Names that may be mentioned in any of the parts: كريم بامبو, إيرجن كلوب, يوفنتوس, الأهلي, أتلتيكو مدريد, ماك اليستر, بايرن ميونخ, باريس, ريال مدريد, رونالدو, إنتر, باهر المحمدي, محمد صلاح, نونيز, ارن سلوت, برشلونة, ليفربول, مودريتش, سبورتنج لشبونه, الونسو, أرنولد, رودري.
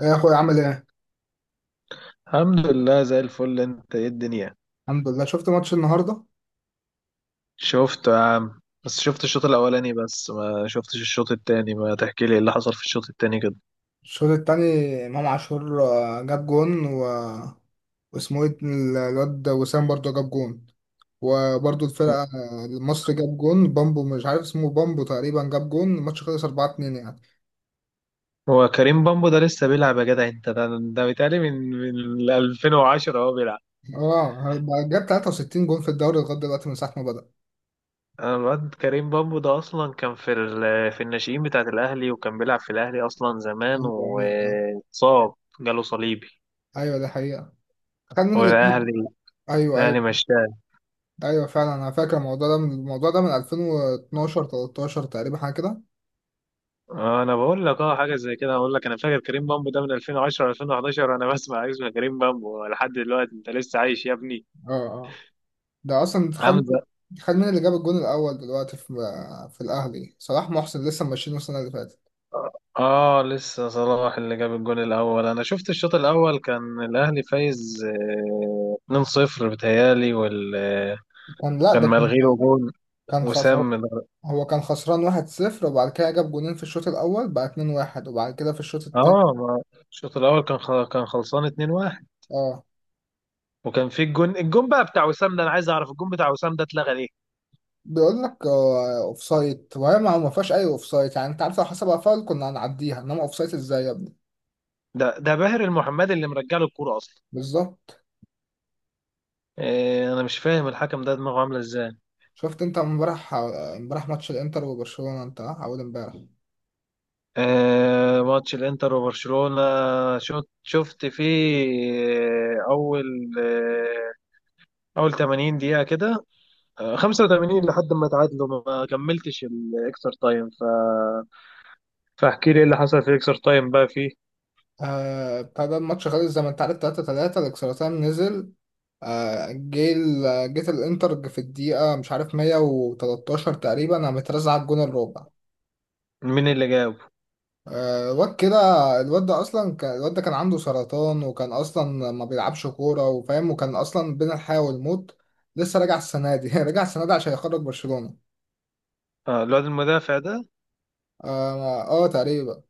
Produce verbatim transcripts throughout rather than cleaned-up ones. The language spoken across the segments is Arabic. ايه يا اخويا، عامل ايه؟ الحمد لله زي الفل. انت ايه الدنيا؟ الحمد لله. شفت ماتش النهارده؟ شفته يا عم، بس شفت الشوط الاولاني، بس ما شفتش الشوط التاني. ما تحكي لي ايه اللي حصل في الشوط التاني كده؟ الشوط التاني. امام عاشور آه، جاب جون و... واسمه ايه الواد وسام برضه جاب جون. وبرضه الفرقه آه، مصر جاب جون بامبو، مش عارف اسمه، بامبو تقريبا جاب جون. الماتش خلص اربعة اتنين يعني. هو كريم بامبو ده لسه بيلعب يا جدع؟ انت ده ده بيتهيألي من من ألفين وعشرة هو بيلعب. اه، بقى جاب تلاته وستين جون في الدوري لغايه دلوقتي من ساعه ما بدأ. انا الواد كريم بامبو ده اصلا كان في ال... في الناشئين بتاعت الاهلي، وكان بيلعب في الاهلي اصلا زمان، ايوه، ايوه. واتصاب، جاله صليبي. ايوه، دي حقيقه. كان مين اللي كسب؟ والاهلي ايوه، الاهلي ايوه. مشاه. ايوه، فعلا انا فاكر الموضوع ده من الموضوع ده من ألفين واتناشر ألفين وتلتاشر تقريبا، حاجه كده. انا بقول لك اه حاجه زي كده. اقول لك انا فاكر كريم بامبو ده من ألفين وعشرة، ألفين وحداشر، انا بسمع اسم كريم بامبو لحد دلوقتي. انت لسه عايش يا ابني اه، ده اصلا خد حمزه؟ خد مين اللي جاب الجون الاول دلوقتي في في الاهلي؟ صلاح محسن، لسه ماشيين السنه اللي فاتت. اه، لسه صلاح اللي جاب الجول الاول. انا شفت الشوط الاول كان الاهلي فايز، آه، اتنين صفر بتهيالي، وال آه، كان لا، كان ده كان ملغي له جول. كان وسام خسر. من- هو كان خسران واحد صفر، وبعد كده جاب جونين في الشوط الاول بقى اتنين واحد. وبعد كده في الشوط التاني، اه ما- الشوط الاول كان خ- كان خلصان اتنين واحد. اه. وكان في الجون الجون بقى بتاع وسام ده. انا عايز اعرف الجون بتاع وسام ده اتلغى ليه. بيقول لك اوف سايد، وهي ما ما فيهاش اي اوف سايد يعني. انت عارف، لو حسبها فاول كنا هنعديها، انما اوف سايد ازاي يا ابني؟ ده ده باهر المحمدي اللي مرجع له الكوره اصلا. بالظبط. إيه، انا مش فاهم الحكم ده دماغه عامله ازاي. شفت انت امبارح امبارح ماتش الانتر وبرشلونه، انت اه؟ اول امبارح. إيه، ماتش الانتر وبرشلونه. شفت شفت فيه آه، اول، آه، اول تمانين دقيقه كده. آه، خمسة وتمانين لحد ما تعادلوا. ما ما كملتش الاكسترا تايم. ف فاحكي لي ايه اللي حصل في الاكسترا تايم بقى فيه. آه بتاع ده، الماتش خلص زي ما انت عارف تلاته تلاته. الاكسترا تايم نزل. آه، جه ال- جيت الانتر في الدقيقة مش عارف مية وتلتاشر تقريبا، انا مترزع على الجون الرابع. مين اللي جاب؟ آه، الواد كده. الواد ده اصلا كان- الواد ده كان عنده سرطان، وكان اصلا ما بيلعبش كورة وفاهم، وكان اصلا بين الحياة والموت. لسه راجع السنة دي راجع السنة دي عشان يخرج برشلونة. آه، الواد المدافع ده. اه، آه، تقريبا.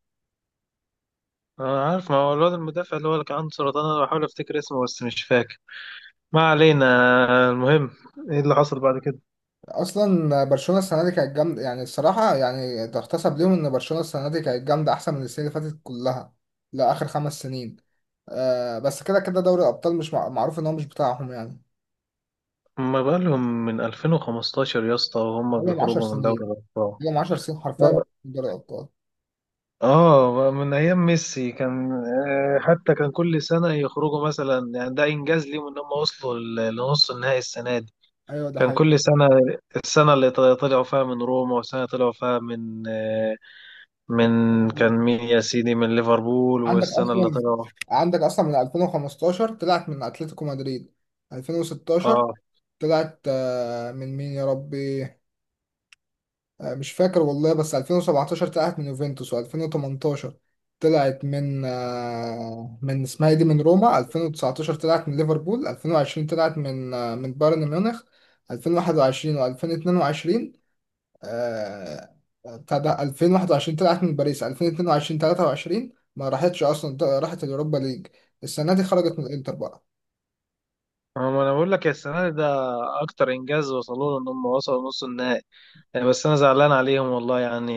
انا عارف، ما هو الواد المدافع اللي هو اللي كان عنده سرطان. انا بحاول افتكر اسمه بس مش فاكر. ما علينا. آه، المهم، ايه اللي حصل بعد كده؟ اصلا برشلونه السنه دي كانت جامده، يعني الصراحه، يعني تحتسب ليهم ان برشلونه السنه دي كانت جامده احسن من السنه اللي فاتت كلها. لاخر خمس سنين. آه بس كده كده، دوري الابطال مش مع- معروف ان هو مش بتاعهم يعني. ما بالهم من ألفين وخمستاشر يا اسطى وهم بقالهم عشر بيخرجوا من دوري سنين، الأبطال؟ بقالهم عشر سنين حرفيا اه. بيلعبوا دوري الابطال. آه، من أيام ميسي كان، آه، حتى كان كل سنة يخرجوا مثلا. يعني ده إنجاز ليهم إن هم وصلوا ل- لنص النهائي السنة دي. ايوه، ده كان حقيقي. كل سنة. السنة اللي طل- طلعوا فيها من روما، والسنة طلعوا فيها من، آه، من كان مين يا سيدي، من ليفربول، عندك والسنة اللي اصلا طلعوا. عندك اصلا من ألفين وخمستاشر طلعت من اتلتيكو مدريد. ألفين وستاشر اه، طلعت آه، من مين يا ربي؟ آه، مش فاكر والله، بس ألفين وسبعتاشر طلعت من يوفنتوس، و2018 طلعت من آه، من اسمها إيه دي، من روما. ألفين وتسعتاشر طلعت من ليفربول. ألفين وعشرين طلعت من آه، من بايرن ميونخ. ألفين وواحد وعشرين و2022، آه، آه، بتاع ده، ألفين وواحد وعشرين طلعت من باريس. ألفين واتنين وعشرين تلاته وعشرين ما راحتش اصلا، راحت اليوروبا ليج. السنه دي خرجت من الانتر بقى. ما انا بقول لك، يا السنه دي ده اكتر انجاز وصلوا له، ان هم وصلوا نص النهائي يعني. بس انا زعلان عليهم والله يعني.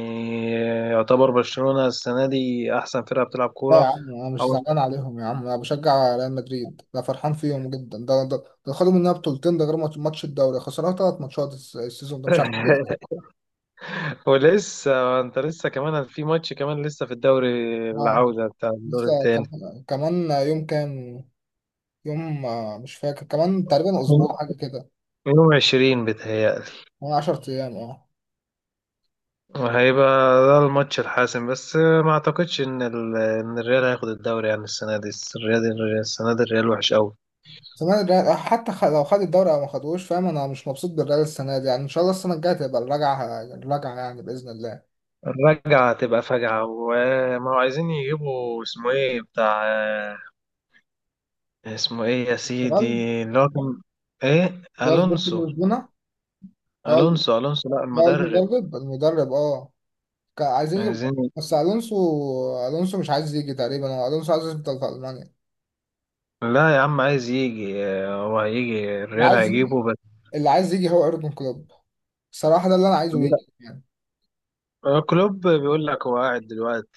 يعتبر برشلونه السنه دي احسن فرقه بتلعب لا يا كوره. عم، انا مش او. زعلان عليهم يا عم، انا بشجع ريال مدريد، انا فرحان فيهم جدا. ده ده ده خدوا مننا بطولتين، ده غير ماتش ماتش الدوري، خسرنا ثلاث ماتشات الس- السيزون ده، مش عارف ليه. ولسه انت لسه كمان في ماتش، كمان لسه في الدوري، اه، العوده بتاع الدور لسه الثاني. كمان كمان يوم كام. يوم آه، مش فاكر، كمان تقريبا اسبوع، حاجه كده. يوم عشرين بيتهيألي. كمان عشر ايام، اه. وهيبقى ده الماتش الحاسم. بس ما اعتقدش ان ال... ان الريال هياخد الدوري يعني السنه دي. الريال، الريال- السنه دي الريال وحش قوي. زمان الريال حتى خ- لو خد الدوري او ما خدوش، فاهم، انا مش مبسوط بالريال السنه دي، يعني ان شاء الله السنه الجايه تبقى الرجعه، الرجعه يعني باذن الله. الرجعة تبقى فجعة. وما هو عايزين يجيبوا اسمه ايه بتاع، آه، اسمه ايه يا سيدي، تمام. اللي هو كان، ايه، ده سبورتنج الونسو. لشبونه. اه، ال- الونسو، الونسو، لا آه، المدرب. المدرب المدرب، اه. كان عايزين يجيب. عايزين. بس الونسو. الونسو مش عايز يجي تقريبا، هو الونسو عايز يفضل في المانيا. لا يا عم، عايز يجي. آه، هو هيجي، اللي الريال عايز يجي هيجيبه بس. اللي عايز يجي هو ايرجن كلوب. الصراحه ده اللي انا عايزه لا. يجي يعني. آه، كلوب بيقول لك هو قاعد دلوقتي.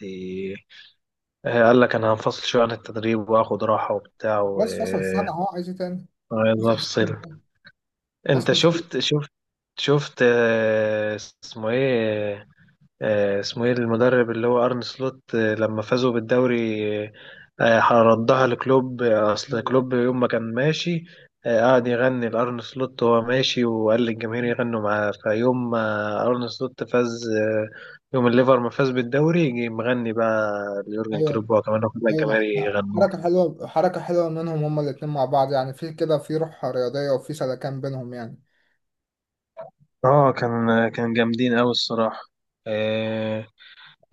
آه، قال لك انا هنفصل شويه عن التدريب واخد راحه وبتاع، بس فصل سنه، هو عايز ايه تاني؟ وعايز افصل. انت فصل سنة. شفت شفت شفت آه، اسمه ايه، آه، اسمه ايه المدرب اللي هو ارن سلوت، آه، لما فازوا بالدوري. آه، آه، ردها لكلوب. آه، اصل كلوب يوم ما كان ماشي، آه، قعد يغني لارن سلوت وهو ماشي، وقال للجماهير يغنوا معاه. فيوم ما ارن سلوت فاز، آه، يوم الليفر ما فاز بالدوري، جه مغني بقى ليورجن ايوه، كلوب وهو كمان واخد الجماهير ايوه. يغنوا. حركه حلوه، حركه حلوه منهم هما الاتنين مع بعض، يعني في كده، في روح رياضيه وفي سلكان بينهم يعني. اه، كان كان جامدين قوي الصراحه. آه.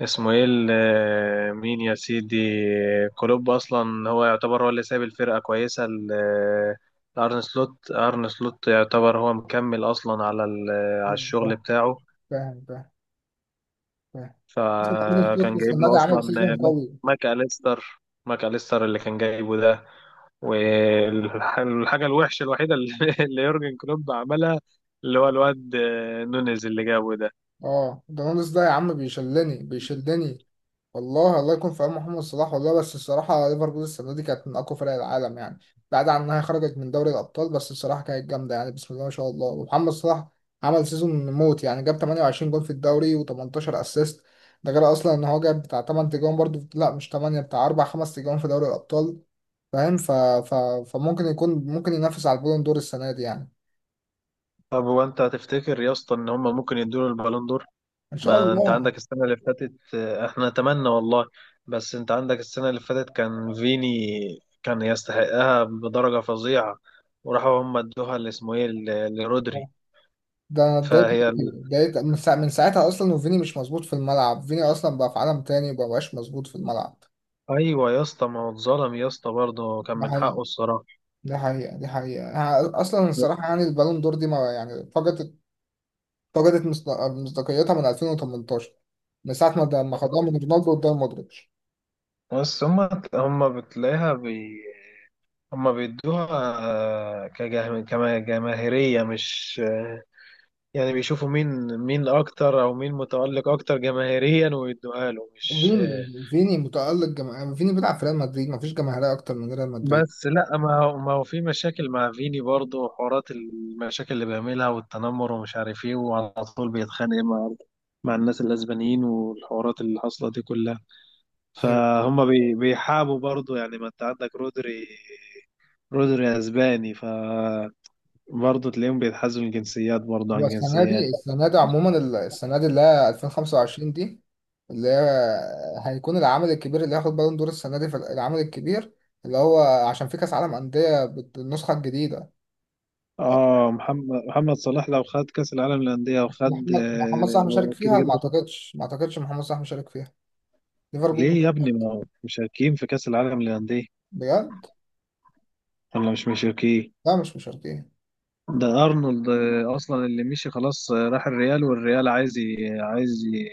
اسمه ايه ال- آه، مين يا سيدي؟ كلوب اصلا هو يعتبر هو اللي سايب الفرقه كويسه ل- آه، لارن سلوت. ارن سلوت يعتبر هو مكمل اصلا على ال- آه، على فاهم، الشغل فاهم، بتاعه. فاهم، فاهم. فكان جايب له النادي اصلا عامل سيزون آه، ماك، قوي. ماك اليستر. ماك اليستر اللي كان جايبه ده. والحاجة الوحشة الوحيدة اللي اللي يورجن كلوب عملها، اللي هو الواد آه، نونيز اللي جابه ده. اه، ده نونس ده يا عم، بيشلني بيشلني. والله، الله يكون في عون محمد صلاح والله، بس الصراحة ليفربول السنة دي كانت من أقوى فرق العالم يعني. بعد عن إنها خرجت من دوري الأبطال، بس الصراحة كانت جامدة يعني، بسم الله ما شاء الله. ومحمد صلاح عمل سيزون موت يعني، جاب تمنية وعشرين جول في الدوري و18 أسيست. ده غير أصلا إن هو جاب بتاع تمانية تجوان برضه، لا مش تمانية، بتاع اربع خمس تجوان في دوري الأبطال. فاهم. ف... ف... فممكن يكون، ممكن ينافس على البالون دور السنة دي يعني. طب هو انت هتفتكر يا اسطى ان هم ممكن يدوا له البالون دور؟ إن شاء ما انت الله. عندك السنه اللي فاتت، آه، احنا نتمنى والله. بس انت عندك السنه اللي فاتت كان فيني، كان يستحقها بدرجه فظيعه، وراحوا هم ادوها اللي اسمه ايه ل- لرودري. ده انا اتضايقت فهي ال- أوي. اتضايقت من، ساعة من ساعتها اصلا، وفيني مش مظبوط في الملعب، فيني اصلا بقى في عالم تاني، مبقاش مظبوط في الملعب. ايوه يا اسطى، ما هو اتظلم يا اسطى برضه، كان ده من حقيقي، حقه الصراحه. ده حقيقة، ده حقيقة. أنا اصلا الصراحة يعني، البالون دور دي ما يعني، فقدت فقدت مصد- مصداقيتها من ألفين وتمنتاشر. من ساعة ما ده- ما خدوها من رونالدو قدام مودريتش. بس هم، هم بتلاقيها بي، هم بيدوها آه، كجه- كما- كجماهيريه، مش يعني، بيشوفوا مين مين اكتر، او مين متألق اكتر جماهيريا، ويدوها له مش. فيني فيني متألق جماهير، فيني بيلعب في ريال مدريد، مفيش جماهيرية اكتر من ريال مدريد. بس لا، ما هو ما هو في مشاكل مع فيني برضه، وحوارات المشاكل اللي بيعملها والتنمر ومش عارف ايه، وعلى طول بيتخانق مع مع الناس الاسبانيين، والحوارات اللي حاصله دي كلها. فهم بي- بيحابوا برضه يعني. ما انت عندك رودري، رودري اسباني، فبرضه تلاقيهم بيتحازوا الجنسيات برضه هو عن السنة دي جنسيات. السنة دي عموما، ال- السنة دي اللي هي ألفين وخمسة وعشرين دي، اللي هي هيكون العمل الكبير اللي هياخد بالون دور السنة دي في العمل الكبير، اللي هو عشان في كأس عالم أندية بت- بالنسخة الجديدة. اه، محمد محمد صلاح لو خد كأس العالم للأندية وخد، محمد محمد صلاح مشارك آه، كده فيها، ما كده خد. أعتقدش، ما أعتقدش محمد صلاح مشارك فيها. ليفربول ليه يا ابني؟ مشارك. ما هو مشاركين في كأس العالم للأندية بجد؟ ولا مش مشاركين؟ لا، مش مشاركين. ده أرنولد آه، أصلا اللي مشي خلاص. آه، راح الريال، والريال عايز ي- عايز ي-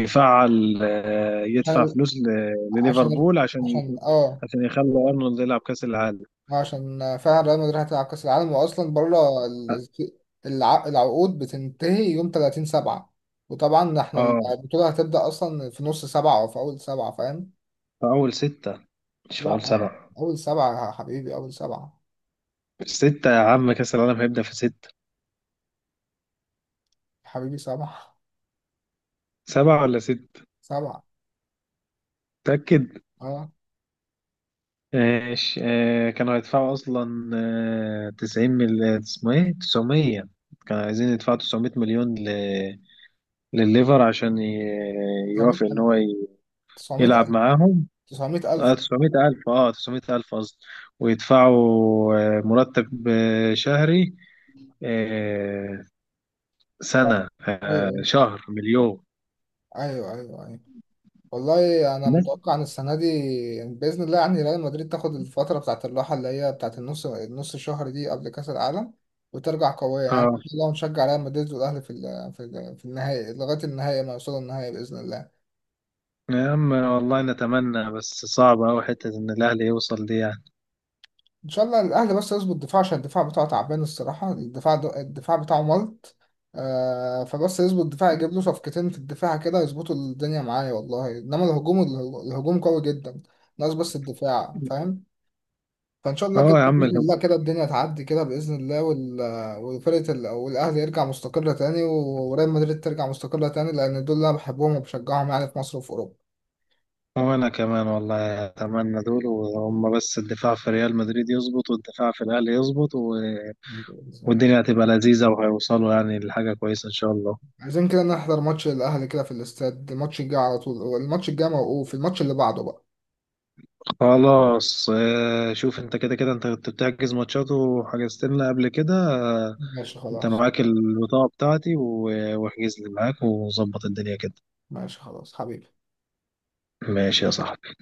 يفعل، آه، عشان يدفع ال- فلوس ل- عشان ال- لليفربول عشان، عشان اه عشان يخلوا أرنولد يلعب كأس العالم. عشان فعلا ريال مدريد هتلعب كأس العالم، وأصلا بره اه. ال- الع- العقود بتنتهي يوم تلاتين سبعة. وطبعا احنا آه، البطولة هتبدأ أصلا في نص سبعة أو في أول سبعة، فاهم؟ في أول ستة، مش في لا، أول سبعة. أول سبعة يا حبيبي، أول سبعة ستة يا عم، كأس العالم هيبدأ في ستة. حبيبي، سبعة، سبعة ولا ستة؟ سبعة، متأكد؟ أه. ماشي. آه، كانوا هيدفعوا أصلا آه، تسعين مل اسمه إيه تسعمية. كانوا عايزين يدفعوا تسعمية مليون ل... لليفر عشان ي... تسعمية يوافق إن ألف، هو ي... تسعمية يلعب ألف، معاهم. تسعمية اه، ألف. تسعمية ألف، اه تسعمية ألف قصدي. ويدفعوا آه، مرتب آه، شهري. آه، سنة، آه، أيوه، شهر مليون. أيوه، أيوه، أيوه. والله انا بس. متوقع ان السنه دي، يعني باذن الله يعني، ريال مدريد تاخد الفتره بتاعه الراحه اللي هي بتاعه النص النص شهر دي قبل كاس العالم، وترجع قويه يعني، ان اه شاء الله نشجع ريال مدريد والاهلي في ال- في ال- في النهائي، لغايه النهائي ما يوصلوا النهائي باذن الله. يا عم، والله نتمنى، بس صعب أوي حتة إن الأهلي يوصل دي يعني. ان شاء الله الاهلي بس يظبط دفاع، عشان الدفاع بتاعه تعبان الصراحه، الدفاع دو- الدفاع بتاعه ملط. آه فبس يظبط الدفاع، يجيب له صفقتين في الدفاع كده يظبطوا الدنيا معايا والله، انما الهجوم، الهجوم قوي جدا، ناقص بس الدفاع، فاهم. فان شاء الله كده، اه يا عم. باذن الله كده الدنيا تعدي كده باذن الله، وال... وفرقه ال... والاهلي يرجع مستقره تاني، وريال مدريد ترجع مستقره تاني، لان دول اللي انا بحبهم وبشجعهم يعني في مصر وفي اوروبا. وأنا كمان والله أتمنى دول. وهم بس الدفاع في ريال مدريد يظبط، والدفاع في الأهلي يظبط، و... والدنيا هتبقى لذيذة، وهيوصلوا يعني لحاجة كويسة إن شاء الله. عايزين كده نحضر ماتش الاهلي كده في الاستاد، الماتش الجاي على طول، الماتش الجاي موقوف، الماتش اللي بعده بقى. خلاص. آه، شوف أنت، كده كده أنت كنت بتحجز ماتشات وحجزت لنا قبل كده. آه، ماشي أنت خلاص. معاك البطاقة بتاعتي، و- واحجز لي معاك وظبط الدنيا كده. ماشي خلاص حبيبي. ماشي يا صاحبي.